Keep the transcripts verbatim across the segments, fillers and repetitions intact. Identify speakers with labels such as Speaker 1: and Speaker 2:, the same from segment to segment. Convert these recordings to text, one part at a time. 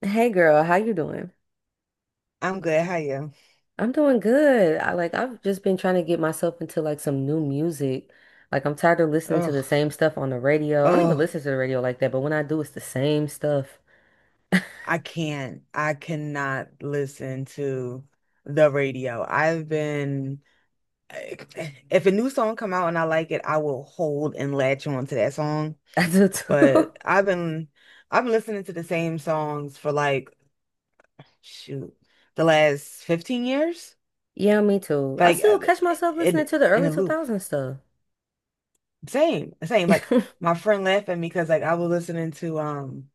Speaker 1: Hey girl, how you doing?
Speaker 2: I'm good. How you?
Speaker 1: I'm doing good. I like I've just been trying to get myself into like some new music. Like I'm tired of listening to the
Speaker 2: Oh,
Speaker 1: same stuff on the radio. I don't even
Speaker 2: oh,
Speaker 1: listen to the radio like that, but when I do, it's the same stuff.
Speaker 2: I can't. I cannot listen to the radio. I've been, if a new song come out and I like it, I will hold and latch on to that song.
Speaker 1: I do too.
Speaker 2: But I've been, I've been listening to the same songs for like, shoot, the last fifteen years,
Speaker 1: Yeah, me too. I
Speaker 2: like
Speaker 1: still
Speaker 2: uh,
Speaker 1: catch myself
Speaker 2: in
Speaker 1: listening to the
Speaker 2: in
Speaker 1: early
Speaker 2: a loop.
Speaker 1: two thousands stuff.
Speaker 2: Same, same. Like my friend laughed at me because like I was listening to um,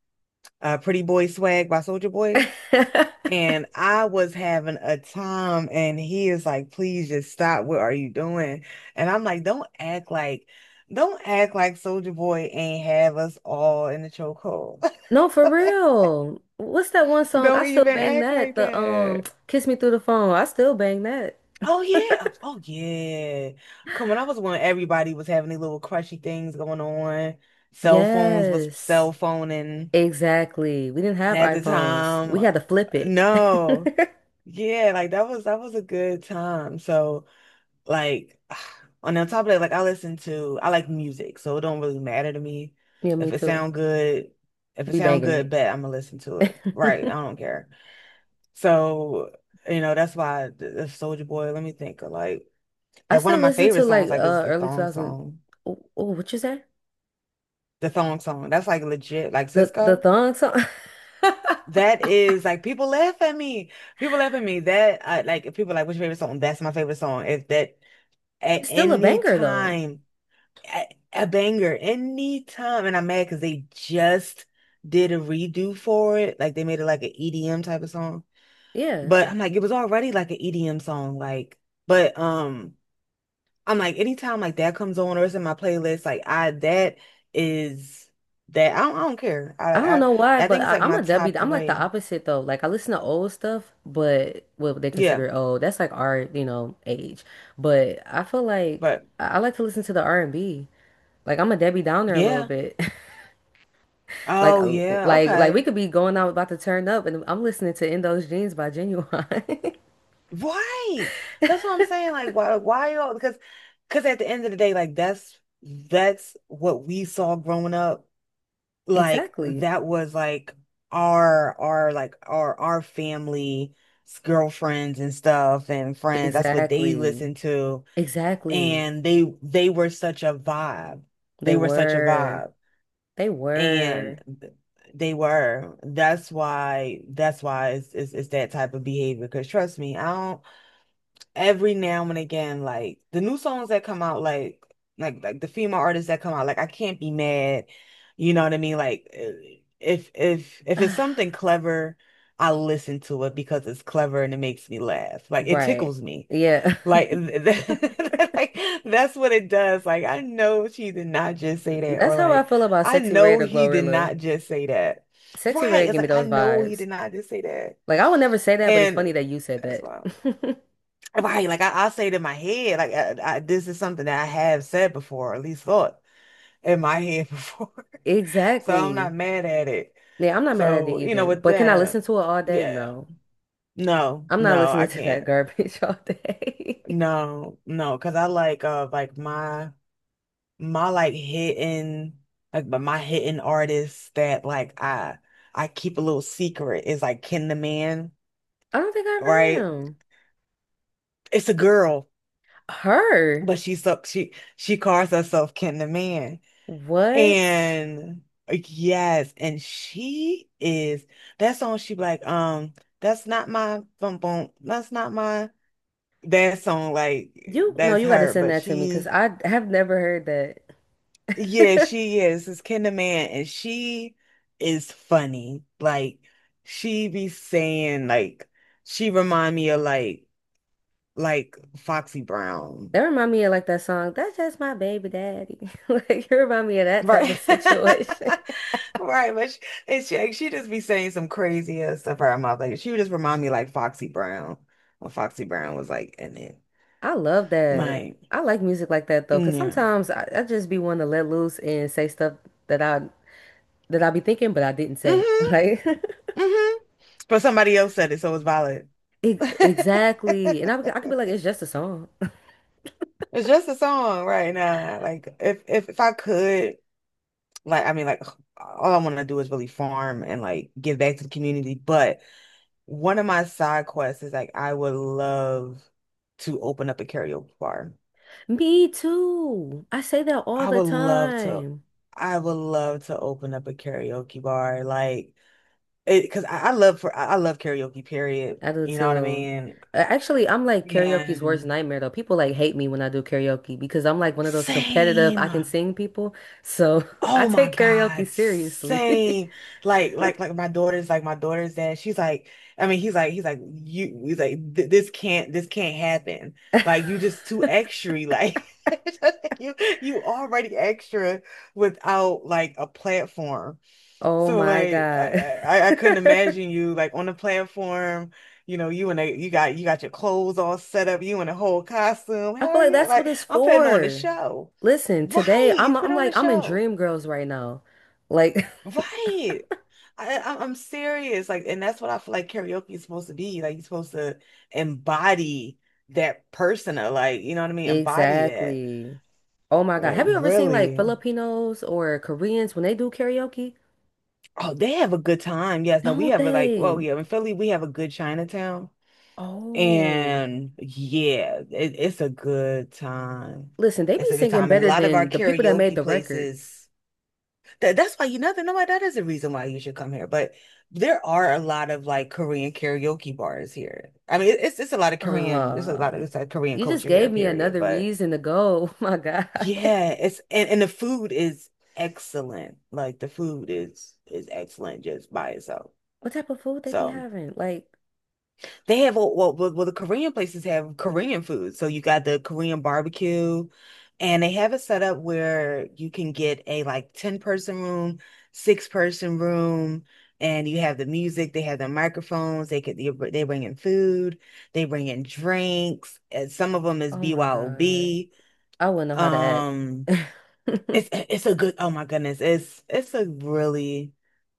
Speaker 2: uh, Pretty Boy Swag by Soldier Boy. And I was having a time, and he is like, please just stop. What are you doing? And I'm like, don't act like, don't act like Soldier Boy ain't have us all in the chokehold.
Speaker 1: No, for real. What's that one song? I
Speaker 2: Don't
Speaker 1: still
Speaker 2: even
Speaker 1: bang
Speaker 2: act
Speaker 1: that.
Speaker 2: like
Speaker 1: The um
Speaker 2: that.
Speaker 1: Kiss Me Through the Phone. I still bang that.
Speaker 2: Oh yeah. Oh yeah. Come on, I was when everybody was having these little crushy things going on. Cell phones was
Speaker 1: Yes.
Speaker 2: cell phoning
Speaker 1: Exactly. We didn't have
Speaker 2: at the
Speaker 1: iPhones.
Speaker 2: time.
Speaker 1: We had to flip it.
Speaker 2: No. Yeah, like that was that was a good time. So like, on the top of that, like I listen to, I like music, so it don't really matter to me
Speaker 1: Yeah, me
Speaker 2: if it
Speaker 1: too.
Speaker 2: sound good. If it
Speaker 1: We
Speaker 2: sound
Speaker 1: banging
Speaker 2: good, bet I'm gonna listen to it. Right? I
Speaker 1: it.
Speaker 2: don't care. So, you know, that's why the, Soldier Boy. Let me think. Of, Like,
Speaker 1: I
Speaker 2: like one
Speaker 1: still
Speaker 2: of my
Speaker 1: listen to
Speaker 2: favorite
Speaker 1: like
Speaker 2: songs, like, is
Speaker 1: uh
Speaker 2: the
Speaker 1: early
Speaker 2: thong
Speaker 1: two thousand.
Speaker 2: song.
Speaker 1: Oh, oh, what you say?
Speaker 2: The thong song. That's like legit. Like
Speaker 1: The the
Speaker 2: Cisco.
Speaker 1: thong song.
Speaker 2: That is like people laugh at me. People laugh at me. That I like. If people like, what's your favorite song? That's my favorite song. If that at
Speaker 1: It's still a
Speaker 2: any
Speaker 1: banger though.
Speaker 2: time. A, a banger anytime. And I'm mad because they just did a redo for it. Like they made it like an E D M type of song.
Speaker 1: Yeah.
Speaker 2: But I'm like, it was already like an E D M song. Like, but um, I'm like, anytime like that comes on or it's in my playlist, like I that is that I don't, I don't care.
Speaker 1: I
Speaker 2: I
Speaker 1: don't
Speaker 2: I
Speaker 1: know why,
Speaker 2: I
Speaker 1: but
Speaker 2: think it's
Speaker 1: I,
Speaker 2: like
Speaker 1: I'm
Speaker 2: my
Speaker 1: a W.
Speaker 2: top
Speaker 1: I'm like the
Speaker 2: three.
Speaker 1: opposite though. Like I listen to old stuff, but what they
Speaker 2: Yeah,
Speaker 1: consider old, that's like our, you know, age. But I feel like
Speaker 2: but
Speaker 1: I, I like to listen to the R and B. Like I'm a Debbie Downer a little
Speaker 2: yeah.
Speaker 1: bit. Like,
Speaker 2: Oh
Speaker 1: uh,
Speaker 2: yeah,
Speaker 1: like, like
Speaker 2: okay.
Speaker 1: we could be going out about to turn up, and I'm listening to In Those Jeans by Genuine.
Speaker 2: Right. That's what I'm saying. Like, why, why y'all? Because, because at the end of the day, like that's that's what we saw growing up. Like
Speaker 1: Exactly.
Speaker 2: that was like our our like our our family girlfriends and stuff and friends. That's what they
Speaker 1: Exactly.
Speaker 2: listened to,
Speaker 1: Exactly.
Speaker 2: and they they were such a vibe.
Speaker 1: They
Speaker 2: They were such a
Speaker 1: were.
Speaker 2: vibe,
Speaker 1: They
Speaker 2: and
Speaker 1: were.
Speaker 2: they were. That's why. That's why it's it's, it's that type of behavior. Because trust me, I don't every now and again, like the new songs that come out, like like like the female artists that come out, like I can't be mad. You know what I mean? Like eh, if if if it's something clever, I listen to it because it's clever and it makes me laugh. Like it
Speaker 1: Right.
Speaker 2: tickles me.
Speaker 1: Yeah.
Speaker 2: Like, like that's what it does. Like I know she did not just say that,
Speaker 1: That's
Speaker 2: or
Speaker 1: how I
Speaker 2: like
Speaker 1: feel about
Speaker 2: I
Speaker 1: Sexy
Speaker 2: know
Speaker 1: Red or
Speaker 2: he did
Speaker 1: Glorilla.
Speaker 2: not just say that.
Speaker 1: Sexy
Speaker 2: Right?
Speaker 1: Red
Speaker 2: It's
Speaker 1: give me
Speaker 2: like I
Speaker 1: those
Speaker 2: know he
Speaker 1: vibes.
Speaker 2: did not just say that,
Speaker 1: Like I would never say that, but it's
Speaker 2: and
Speaker 1: funny that you said
Speaker 2: that's why.
Speaker 1: that.
Speaker 2: Right, like I, I say it in my head, like I, I, this is something that I have said before, or at least thought in my head before. So I'm not
Speaker 1: Exactly.
Speaker 2: mad at it.
Speaker 1: Yeah, I'm not mad at it
Speaker 2: So, you know,
Speaker 1: either.
Speaker 2: with
Speaker 1: But can I
Speaker 2: that,
Speaker 1: listen to it all day?
Speaker 2: yeah.
Speaker 1: No.
Speaker 2: No,
Speaker 1: I'm not
Speaker 2: no,
Speaker 1: listening
Speaker 2: I
Speaker 1: to that
Speaker 2: can't.
Speaker 1: garbage all day.
Speaker 2: No, no, because I like uh like my my like hidden like but my hidden artists that like I I keep a little secret is like Ken the Man,
Speaker 1: I don't think I've heard
Speaker 2: right?
Speaker 1: him.
Speaker 2: It's a girl,
Speaker 1: Her?
Speaker 2: but she so she she calls herself Ken the Man.
Speaker 1: What?
Speaker 2: And uh, yes, and she is that song she be like, um, that's not my bum bum, that's not my that song, like
Speaker 1: You no,
Speaker 2: that's
Speaker 1: you got to
Speaker 2: her,
Speaker 1: send
Speaker 2: but
Speaker 1: that to me because
Speaker 2: she
Speaker 1: I have never heard
Speaker 2: yeah,
Speaker 1: that.
Speaker 2: she is this Kinderman and she is funny. Like she be saying like she remind me of like like Foxy Brown.
Speaker 1: That remind me of like that song, That's Just My Baby Daddy. Like you remind me of that type of
Speaker 2: Right.
Speaker 1: situation.
Speaker 2: Right, but she, and she, like, she just be saying some crazy ass stuff out her mouth. Like she would just remind me like Foxy Brown when Foxy Brown was like in it.
Speaker 1: I love that.
Speaker 2: Like,
Speaker 1: I like music like that though,
Speaker 2: mm,
Speaker 1: because
Speaker 2: yeah.
Speaker 1: sometimes I, I just be wanting to let loose and say stuff that I that I be thinking but I didn't say.
Speaker 2: Mm-hmm.
Speaker 1: Like
Speaker 2: Mm-hmm. But somebody else said it, so it's valid.
Speaker 1: e- exactly. And I, be- I could be like, it's just a song.
Speaker 2: It's just a song right now. Like if if if I could, like I mean, like all I want to do is really farm and like give back to the community. But one of my side quests is like I would love to open up a karaoke bar.
Speaker 1: Me too. I say that all
Speaker 2: I
Speaker 1: the
Speaker 2: would love to,
Speaker 1: time.
Speaker 2: I would love to open up a karaoke bar, like it, because I, I love for I I love karaoke, period.
Speaker 1: I do
Speaker 2: You know what I
Speaker 1: too.
Speaker 2: mean?
Speaker 1: Uh, Actually, I'm like karaoke's worst
Speaker 2: And
Speaker 1: nightmare though. People like hate me when I do karaoke because I'm like one of those competitive, I
Speaker 2: same.
Speaker 1: can sing people. So I
Speaker 2: Oh my
Speaker 1: take karaoke
Speaker 2: God,
Speaker 1: seriously.
Speaker 2: same. Like, like, like my daughter's like my daughter's dad. She's like, I mean, he's like, he's like, you, he's like, "Th- "this can't, this can't happen. Like, you just too extra. Like, you, you already extra without like a platform."
Speaker 1: Oh
Speaker 2: So
Speaker 1: my
Speaker 2: like I,
Speaker 1: God.
Speaker 2: I I couldn't
Speaker 1: I
Speaker 2: imagine you like on the platform, you know, you and a you got you got your clothes all set up, you in a whole costume.
Speaker 1: feel
Speaker 2: Hell
Speaker 1: like
Speaker 2: yeah,
Speaker 1: that's what
Speaker 2: like
Speaker 1: it's
Speaker 2: I'm putting on the
Speaker 1: for.
Speaker 2: show.
Speaker 1: Listen, today
Speaker 2: Right, you
Speaker 1: I'm
Speaker 2: put
Speaker 1: I'm
Speaker 2: on the
Speaker 1: like I'm in
Speaker 2: show.
Speaker 1: Dream Girls right now. Like
Speaker 2: Right. I, I I'm serious. Like, and that's what I feel like karaoke is supposed to be. Like you're supposed to embody that persona, like, you know what I mean? Embody that.
Speaker 1: exactly. Oh my God.
Speaker 2: Like,
Speaker 1: Have you ever seen like
Speaker 2: really.
Speaker 1: Filipinos or Koreans when they do karaoke?
Speaker 2: Oh, they have a good time. Yes, no, we
Speaker 1: Don't
Speaker 2: have a like,
Speaker 1: they?
Speaker 2: well, yeah, in Philly, we have a good Chinatown.
Speaker 1: Oh.
Speaker 2: And yeah, it, it's a good time.
Speaker 1: Listen, they be
Speaker 2: It's a good
Speaker 1: singing
Speaker 2: time. And a
Speaker 1: better
Speaker 2: lot of our
Speaker 1: than the people that made
Speaker 2: karaoke
Speaker 1: the record.
Speaker 2: places, that, that's why you know, that- no, that is a reason why you should come here. But there are a lot of like Korean karaoke bars here. I mean, it, it's it's a lot of Korean, it's a
Speaker 1: Uh,
Speaker 2: lot of it's like Korean
Speaker 1: you just
Speaker 2: culture here,
Speaker 1: gave me
Speaker 2: period.
Speaker 1: another
Speaker 2: But
Speaker 1: reason to go. Oh my God.
Speaker 2: yeah, it's and, and the food is excellent. Like the food is is excellent just by itself.
Speaker 1: What type of food they be
Speaker 2: So
Speaker 1: having? Like,
Speaker 2: they have all well, well, well, the Korean places have Korean food. So you got the Korean barbecue, and they have it set up where you can get a like ten person room, six person room, and you have the music, they have the microphones, they could they, br- they bring in food, they bring in drinks. And some of them is
Speaker 1: oh my God.
Speaker 2: B Y O B.
Speaker 1: I wouldn't know how to
Speaker 2: Um,
Speaker 1: act.
Speaker 2: it's it's a good, oh my goodness, it's it's a really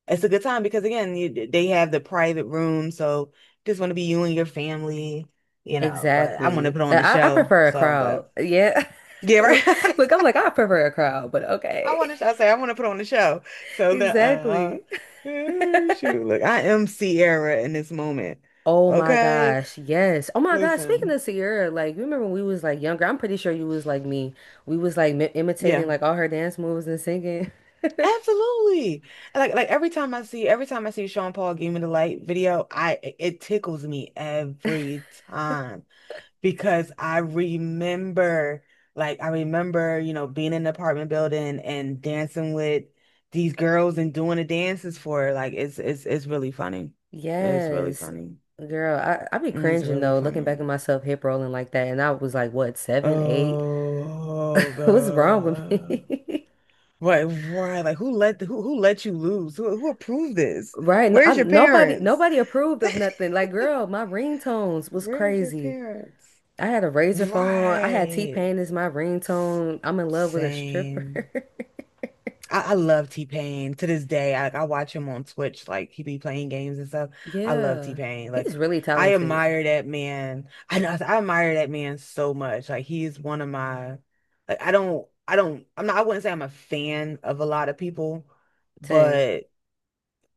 Speaker 2: it's a good time because again, you, they have the private room, so just want to be you and your family, you know. But I want to
Speaker 1: Exactly.
Speaker 2: put on the
Speaker 1: I, I
Speaker 2: show,
Speaker 1: prefer a
Speaker 2: so
Speaker 1: crowd.
Speaker 2: but
Speaker 1: Yeah.
Speaker 2: yeah, right.
Speaker 1: Look, look, I'm like, I prefer a crowd, but
Speaker 2: I
Speaker 1: okay.
Speaker 2: want to. I say I want to put on the show. So the uh,
Speaker 1: Exactly.
Speaker 2: uh, shoot, look, I am Sierra in this moment.
Speaker 1: Oh my
Speaker 2: Okay,
Speaker 1: gosh, yes. Oh my gosh, speaking
Speaker 2: listen,
Speaker 1: of Sierra, like you remember when we was like younger, I'm pretty sure you was like me. We was like mi
Speaker 2: yeah,
Speaker 1: imitating like all her dance moves and singing.
Speaker 2: absolutely. Like like every time I see every time I see Sean Paul Give Me the Light video, I it tickles me every time. Because I remember, like, I remember, you know, being in an apartment building and dancing with these girls and doing the dances for her. Like, it's it's it's really funny. It's really
Speaker 1: Yes.
Speaker 2: funny.
Speaker 1: Girl, I I be
Speaker 2: It's
Speaker 1: cringing
Speaker 2: really
Speaker 1: though, looking back
Speaker 2: funny.
Speaker 1: at myself hip rolling like that, and I was like, what, seven, eight?
Speaker 2: Oh,
Speaker 1: What's wrong with
Speaker 2: God.
Speaker 1: me?
Speaker 2: Right, right. Like, who let who who let you lose? Who who approved this?
Speaker 1: Right? No, I,
Speaker 2: Where's your
Speaker 1: nobody
Speaker 2: parents?
Speaker 1: nobody approved of nothing. Like, girl, my ringtones was
Speaker 2: Where's your
Speaker 1: crazy.
Speaker 2: parents?
Speaker 1: I had a razor phone. I had
Speaker 2: Right.
Speaker 1: T-Pain as my
Speaker 2: S-
Speaker 1: ringtone. I'm in love with a
Speaker 2: Same.
Speaker 1: stripper.
Speaker 2: I, I love T-Pain to this day. I, I watch him on Twitch, like he be playing games and stuff. I love
Speaker 1: Yeah.
Speaker 2: T-Pain.
Speaker 1: He's
Speaker 2: Like
Speaker 1: really
Speaker 2: I
Speaker 1: talented.
Speaker 2: admire that man. I know I admire that man so much. Like he is one of my like I don't I don't I'm not I wouldn't say I'm a fan of a lot of people,
Speaker 1: Ten.
Speaker 2: but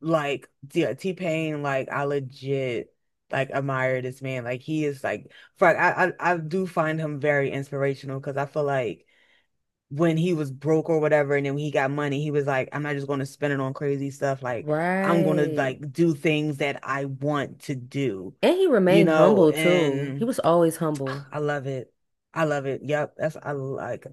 Speaker 2: like yeah, T-Pain, like I legit like admire this man. Like he is like for I I, I do find him very inspirational because I feel like when he was broke or whatever, and then when he got money, he was like, I'm not just going to spend it on crazy stuff. Like, I'm going to
Speaker 1: Right.
Speaker 2: like do things that I want to do,
Speaker 1: And he
Speaker 2: you
Speaker 1: remained
Speaker 2: know,
Speaker 1: humble too. He
Speaker 2: and
Speaker 1: was always humble.
Speaker 2: I love it. I love it. Yep. That's, I like,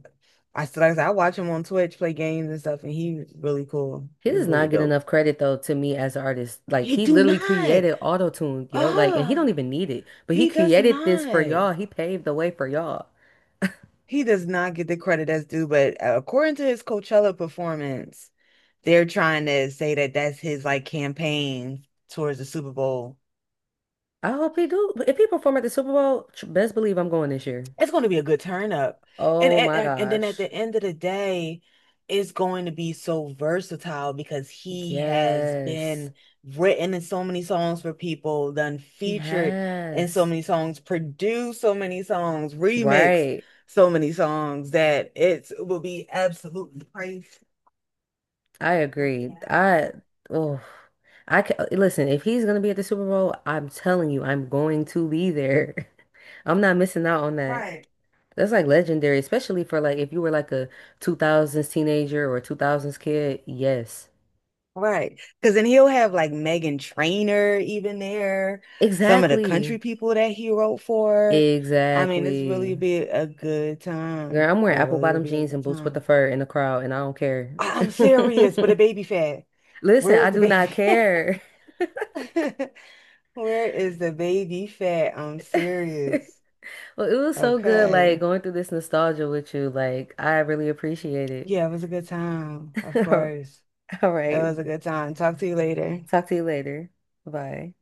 Speaker 2: I still, like I said, I watch him on Twitch play games and stuff, and he's really cool.
Speaker 1: He
Speaker 2: He's
Speaker 1: does
Speaker 2: really
Speaker 1: not get
Speaker 2: dope.
Speaker 1: enough credit though to me as an artist. Like
Speaker 2: He
Speaker 1: he
Speaker 2: do
Speaker 1: literally
Speaker 2: not.
Speaker 1: created autotune, yo. Like and he don't
Speaker 2: Ah,
Speaker 1: even need it. But he
Speaker 2: he does
Speaker 1: created this for
Speaker 2: not.
Speaker 1: y'all. He paved the way for y'all.
Speaker 2: He does not get the credit that's due, but according to his Coachella performance, they're trying to say that that's his like campaign towards the Super Bowl.
Speaker 1: I hope he do. If he perform at the Super Bowl, tr- best believe I'm going this year.
Speaker 2: It's going to be a good turn up. And
Speaker 1: Oh my
Speaker 2: and and then at
Speaker 1: gosh.
Speaker 2: the end of the day, it's going to be so versatile because he has
Speaker 1: Yes.
Speaker 2: been written in so many songs for people, done
Speaker 1: He
Speaker 2: featured in so
Speaker 1: has.
Speaker 2: many songs, produced so many songs, remixed
Speaker 1: Right.
Speaker 2: so many songs that it's, it will be absolutely crazy.
Speaker 1: I
Speaker 2: It'll be
Speaker 1: agree.
Speaker 2: absolutely
Speaker 1: I oh I ca Listen, if he's gonna be at the Super Bowl, I'm telling you, I'm going to be there. I'm not missing out on that.
Speaker 2: right.
Speaker 1: That's like legendary, especially for like if you were like a two thousands teenager or two thousands kid. Yes.
Speaker 2: Right. Because then he'll have like Megan Trainor even there, some of the country
Speaker 1: Exactly.
Speaker 2: people that he wrote for. I mean, it's really
Speaker 1: Exactly.
Speaker 2: be a good
Speaker 1: Girl,
Speaker 2: time.
Speaker 1: I'm
Speaker 2: It
Speaker 1: wearing apple
Speaker 2: really will
Speaker 1: bottom
Speaker 2: be a
Speaker 1: jeans and
Speaker 2: good
Speaker 1: boots with the
Speaker 2: time.
Speaker 1: fur in the crowd and I don't care.
Speaker 2: I'm serious, but a baby fat.
Speaker 1: Listen,
Speaker 2: Where
Speaker 1: I
Speaker 2: is the
Speaker 1: do
Speaker 2: baby
Speaker 1: not care.
Speaker 2: fat? Where is the baby fat? I'm serious.
Speaker 1: Well, it was so good, like
Speaker 2: Okay.
Speaker 1: going through this nostalgia with you. Like, I really appreciate it.
Speaker 2: Yeah, it was a good time, of course.
Speaker 1: All
Speaker 2: It
Speaker 1: right.
Speaker 2: was a good time. Talk to you later.
Speaker 1: Talk to you later. Bye.